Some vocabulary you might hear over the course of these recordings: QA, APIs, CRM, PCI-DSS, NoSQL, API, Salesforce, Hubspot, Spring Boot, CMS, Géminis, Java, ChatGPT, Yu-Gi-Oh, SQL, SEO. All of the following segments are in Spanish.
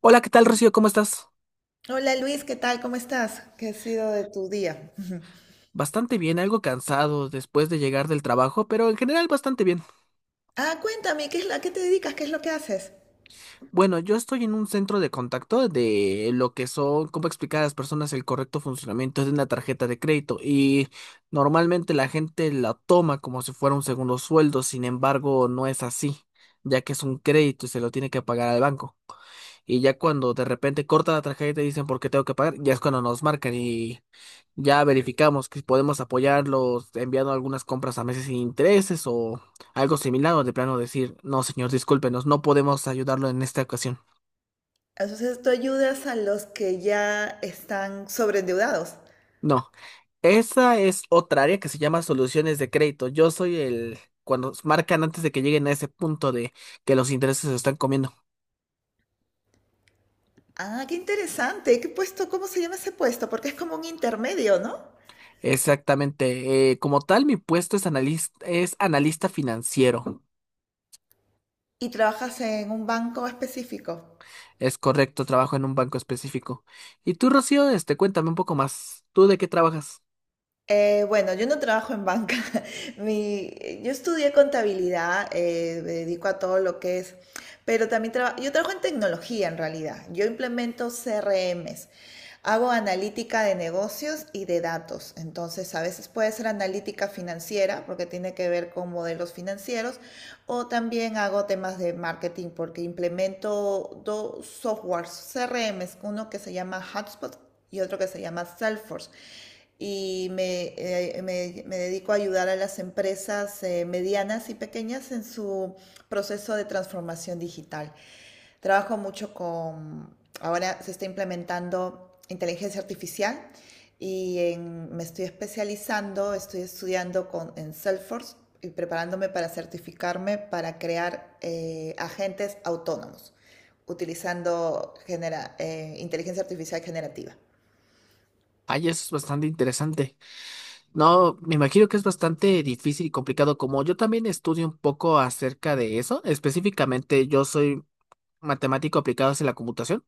Hola, ¿qué tal, Rocío? ¿Cómo estás? Hola Luis, ¿qué tal? ¿Cómo estás? ¿Qué ha sido de tu día? Bastante bien, algo cansado después de llegar del trabajo, pero en general bastante bien. Ah, cuéntame, ¿qué es la a qué te dedicas? ¿Qué es lo que haces? Bueno, yo estoy en un centro de contacto de lo que son, cómo explicar a las personas el correcto funcionamiento de una tarjeta de crédito y normalmente la gente la toma como si fuera un segundo sueldo, sin embargo, no es así, ya que es un crédito y se lo tiene que pagar al banco. Y ya cuando de repente cortan la tarjeta y te dicen por qué tengo que pagar, ya es cuando nos marcan y ya verificamos que podemos apoyarlos enviando algunas compras a meses sin intereses o algo similar o de plano decir, no señor, discúlpenos, no podemos ayudarlo en esta ocasión. Entonces tú ayudas a los que ya están sobreendeudados. No, esa es otra área que se llama soluciones de crédito. Yo soy el, cuando marcan antes de que lleguen a ese punto de que los intereses se están comiendo. Ah, qué interesante. ¿Qué puesto? ¿Cómo se llama ese puesto? Porque es como un intermedio, ¿no? Exactamente. Como tal, mi puesto es analista, financiero. Y trabajas en un banco específico. Es correcto, trabajo en un banco específico. Y tú, Rocío, cuéntame un poco más. ¿Tú de qué trabajas? Bueno, yo no trabajo en banca. Mi, yo estudié contabilidad, me dedico a todo lo que es, pero también yo trabajo en tecnología en realidad. Yo implemento CRMs. Hago analítica de negocios y de datos. Entonces, a veces puede ser analítica financiera porque tiene que ver con modelos financieros o también hago temas de marketing porque implemento dos softwares CRMs, uno que se llama Hubspot y otro que se llama Salesforce y me dedico a ayudar a las empresas medianas y pequeñas en su proceso de transformación digital. Trabajo mucho con, ahora se está implementando inteligencia artificial y me estoy especializando, estoy estudiando en Salesforce y preparándome para certificarme para crear agentes autónomos utilizando inteligencia artificial generativa. Ay, eso es bastante interesante. No, me imagino que es bastante difícil y complicado, como yo también estudio un poco acerca de eso. Específicamente, yo soy matemático aplicado hacia la computación,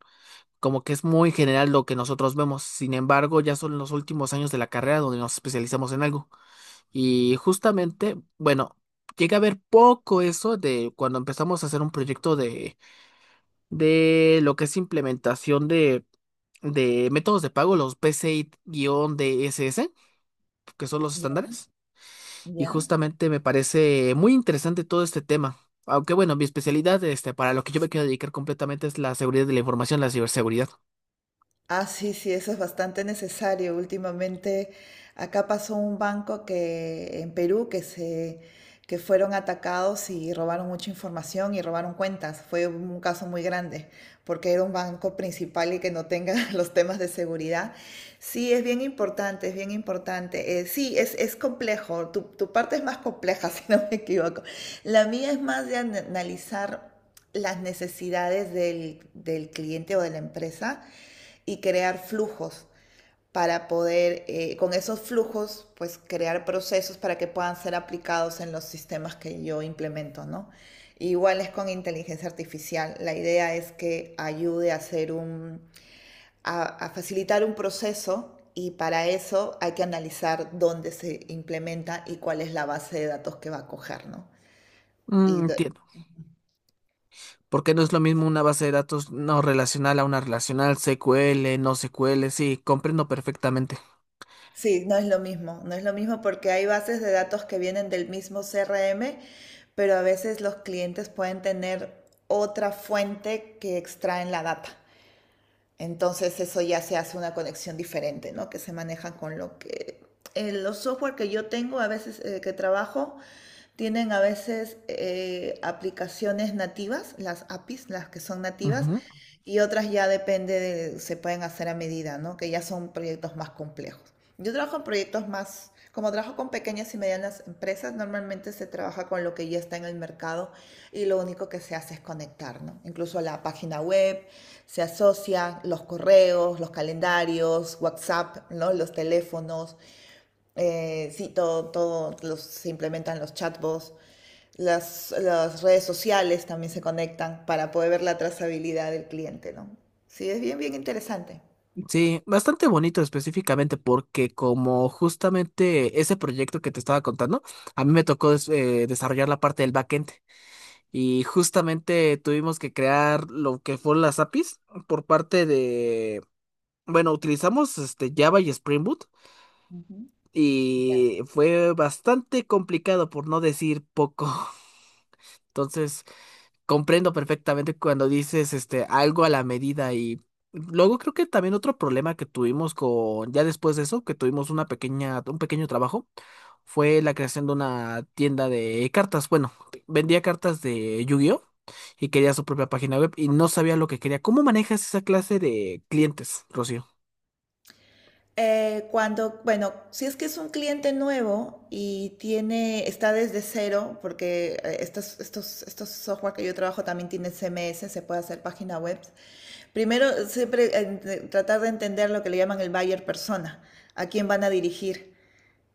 como que es muy general lo que nosotros vemos. Sin embargo, ya son los últimos años de la carrera donde nos especializamos en algo. Y justamente, bueno, llegué a ver poco eso de cuando empezamos a hacer un proyecto de lo que es implementación de métodos de pago, los PCI-DSS, que son los Ya, estándares. Y ya. justamente me parece muy interesante todo este tema. Aunque bueno, mi especialidad, para lo que yo me quiero dedicar completamente es la seguridad de la información, la ciberseguridad. Ah, sí, sí, eso es bastante necesario. Últimamente acá pasó un banco que en Perú que fueron atacados y robaron mucha información y robaron cuentas. Fue un caso muy grande porque era un banco principal y que no tenga los temas de seguridad. Sí, es bien importante, es bien importante. Sí, es complejo. Tu parte es más compleja, si no me equivoco. La mía es más de analizar las necesidades del cliente o de la empresa y crear flujos para poder, con esos flujos, pues crear procesos para que puedan ser aplicados en los sistemas que yo implemento, ¿no? Igual es con inteligencia artificial. La idea es que ayude a hacer a facilitar un proceso y para eso hay que analizar dónde se implementa y cuál es la base de datos que va a coger, ¿no? Y Mm. Porque no es lo mismo una base de datos no relacional a una relacional, SQL, no SQL, sí, comprendo perfectamente. Sí, no es lo mismo, no es lo mismo porque hay bases de datos que vienen del mismo CRM, pero a veces los clientes pueden tener otra fuente que extraen la data. Entonces eso ya se hace una conexión diferente, ¿no? Que se manejan con lo que… los software que yo tengo, a veces que trabajo, tienen a veces aplicaciones nativas, las APIs, las que son nativas, Ujú. y otras ya depende de, se pueden hacer a medida, ¿no? Que ya son proyectos más complejos. Yo trabajo en proyectos más, como trabajo con pequeñas y medianas empresas, normalmente se trabaja con lo que ya está en el mercado y lo único que se hace es conectar, ¿no? Incluso la página web se asocia, los correos, los calendarios, WhatsApp, ¿no? Los teléfonos, sí, todo, se implementan los chatbots. Las redes sociales también se conectan para poder ver la trazabilidad del cliente, ¿no? Sí, es bien interesante. Sí, bastante bonito específicamente porque como justamente ese proyecto que te estaba contando, a mí me tocó desarrollar la parte del backend. Y justamente tuvimos que crear lo que fueron las APIs por parte de, bueno, utilizamos este Java y Spring Boot Ujú. y fue bastante complicado por no decir poco. Entonces, comprendo perfectamente cuando dices este algo a la medida y luego creo que también otro problema que tuvimos con ya después de eso, que tuvimos una pequeña un pequeño trabajo fue la creación de una tienda de cartas. Bueno, vendía cartas de Yu-Gi-Oh y quería su propia página web y no sabía lo que quería. ¿Cómo manejas esa clase de clientes, Rocío? Cuando, bueno, si es que es un cliente nuevo y tiene, está desde cero, porque estos software que yo trabajo también tienen CMS, se puede hacer página web. Primero, siempre tratar de entender lo que le llaman el buyer persona, a quién van a dirigir.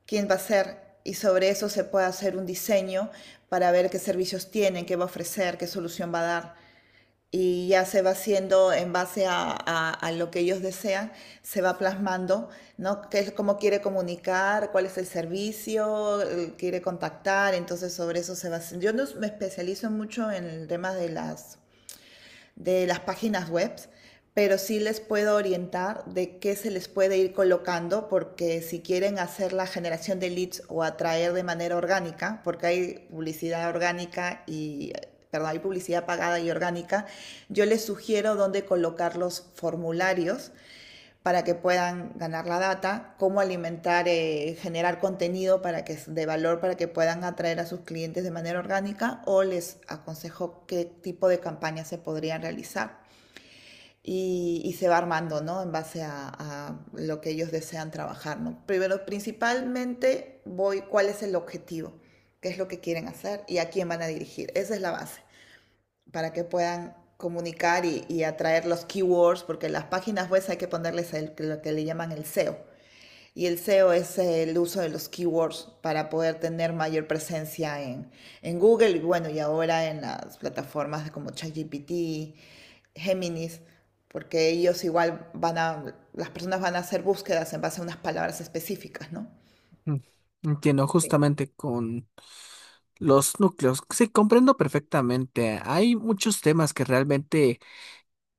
Quién va a ser y sobre eso se puede hacer un diseño para ver qué servicios tienen, qué va a ofrecer, qué solución va a dar. Y ya se va haciendo en base a lo que ellos desean, se va plasmando, ¿no? Cómo quiere comunicar, cuál es el servicio, quiere contactar, entonces sobre eso se va haciendo. Yo no me especializo mucho en el tema de las páginas web, pero sí les puedo orientar de qué se les puede ir colocando, porque si quieren hacer la generación de leads o atraer de manera orgánica, porque hay publicidad orgánica y perdón, hay publicidad pagada y orgánica, yo les sugiero dónde colocar los formularios para que puedan ganar la data, cómo alimentar, generar contenido de valor para que puedan atraer a sus clientes de manera orgánica o les aconsejo qué tipo de campañas se podrían realizar. Y se va armando, ¿no? En base lo que ellos desean trabajar, ¿no? Primero, principalmente voy cuál es el objetivo, qué es lo que quieren hacer y a quién van a dirigir. Esa es la base para que puedan comunicar y atraer los keywords, porque en las páginas web hay que ponerles lo que le llaman el SEO. Y el SEO es el uso de los keywords para poder tener mayor presencia en Google y bueno, y ahora en las plataformas como ChatGPT, Géminis, porque ellos igual las personas van a hacer búsquedas en base a unas palabras específicas, ¿no? Mm, Entiendo, Sí. justamente con los núcleos. Sí, comprendo perfectamente. Hay muchos temas que realmente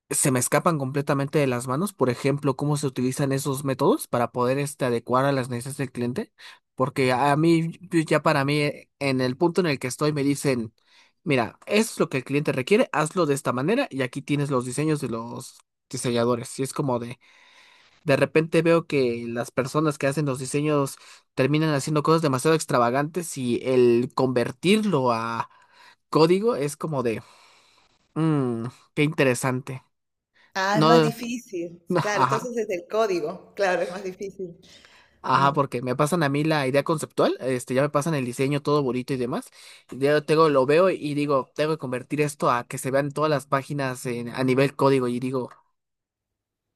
se me escapan completamente de las manos, por ejemplo, cómo se utilizan esos métodos para poder adecuar a las necesidades del cliente, porque a mí, yo ya para mí, en el punto en el que estoy, me dicen, mira, esto es lo que el cliente requiere, hazlo de esta manera y aquí tienes los diseños de los diseñadores. Y es como de repente veo que las personas que hacen los diseños terminan haciendo cosas demasiado extravagantes y el convertirlo a código es como de, "Mm, qué interesante." Ah, es más No, difícil. Claro, entonces ajá, es el código. Claro, es más difícil. ajá, Mm, porque me pasan a mí la idea conceptual, ya me pasan el diseño todo bonito y demás. Ya tengo, lo veo y digo, tengo que convertir esto a que se vean todas las páginas a nivel código y digo,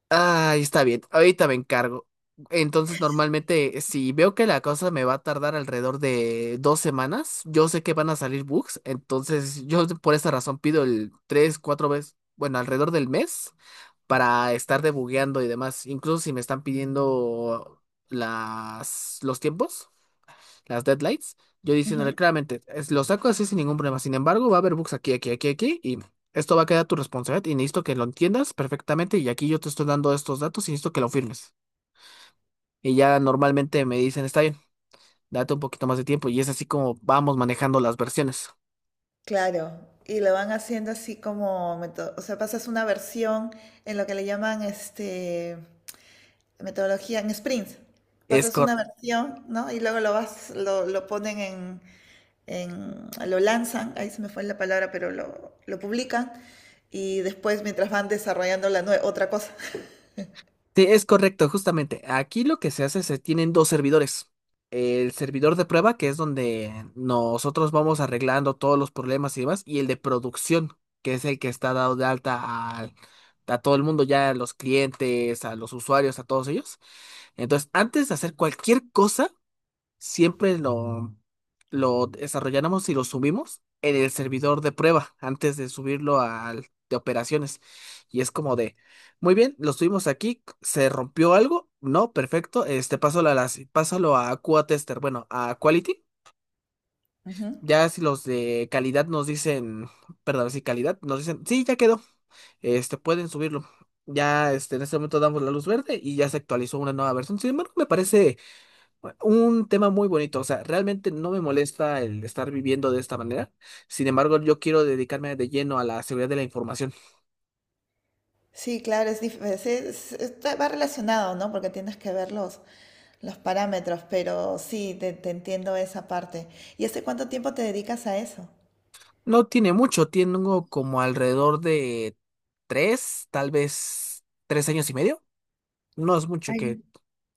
ay, está bien, ahorita me encargo. Entonces, normalmente, si veo que la cosa me va a tardar alrededor de 2 semanas, yo sé que van a salir bugs, entonces yo por esa razón pido el tres, cuatro veces, bueno, alrededor del mes. Para estar debugueando y demás. Incluso si me están pidiendo los tiempos, las deadlines, yo diciéndole ujú. claramente, lo saco así sin ningún problema. Sin embargo, va a haber bugs aquí, aquí, aquí, aquí, y esto va a quedar a tu responsabilidad y necesito que lo entiendas perfectamente. Y aquí yo te estoy dando estos datos y necesito que lo firmes. Y ya normalmente me dicen, está bien, date un poquito más de tiempo. Y es así como vamos manejando las versiones. Claro, y lo van haciendo así como, o sea, pasas una versión en lo que le llaman metodología en sprints. Es Pasas una versión, ¿no? Y luego lo ponen en, lo lanzan, ahí se me fue la palabra, pero lo publican y después mientras van desarrollando otra cosa. Sí, es correcto, justamente. Aquí lo que se hace es que tienen dos servidores. El servidor de prueba, que es donde nosotros vamos arreglando todos los problemas y demás, y el de producción, que es el que está dado de alta a todo el mundo, ya a los clientes, a los usuarios, a todos ellos. Entonces, antes de hacer cualquier cosa, siempre lo desarrolláramos y lo subimos en el servidor de prueba antes de subirlo al de operaciones. Y es como de, muy bien, lo subimos aquí, ¿se rompió algo? No, perfecto, pásalo pásalo a QA tester, bueno, a quality. Ujú. Ya si los de calidad nos dicen, perdón, si calidad nos dicen, sí, ya quedó, pueden subirlo. Ya, en este momento damos la luz verde y ya se actualizó una nueva versión. Sin embargo, me parece un tema muy bonito, o sea, realmente no me molesta el estar viviendo de esta manera. Sin embargo, yo quiero dedicarme de lleno a la seguridad de la información. Sí, claro, es, dif- es- está- va relacionado, ¿no? Porque tienes que ver los parámetros, pero sí, te entiendo esa parte. ¿Y hace cuánto tiempo te dedicas a eso? No tiene mucho, tengo como alrededor de tres, tal vez 3 años y medio. No es Ah, mucho ya. que,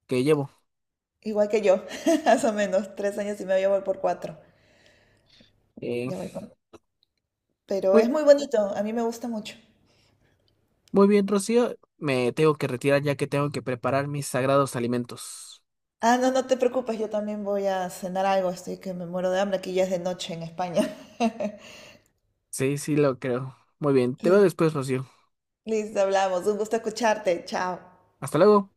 que llevo. Igual que yo, más o menos, tres años y medio ya voy por cuatro. Eh, Ya voy por… Pero es Muy, muy bonito, a mí me gusta mucho. muy bien, Rocío, me tengo que retirar ya que tengo que preparar mis sagrados alimentos. Ah, no, no te preocupes, yo también voy a cenar algo, estoy que me muero de hambre, aquí ya es de noche en España. Sí, sí, lo creo. Muy bien, te veo después, Rocío. Listo, hablamos, un gusto escucharte, chao. Hasta luego.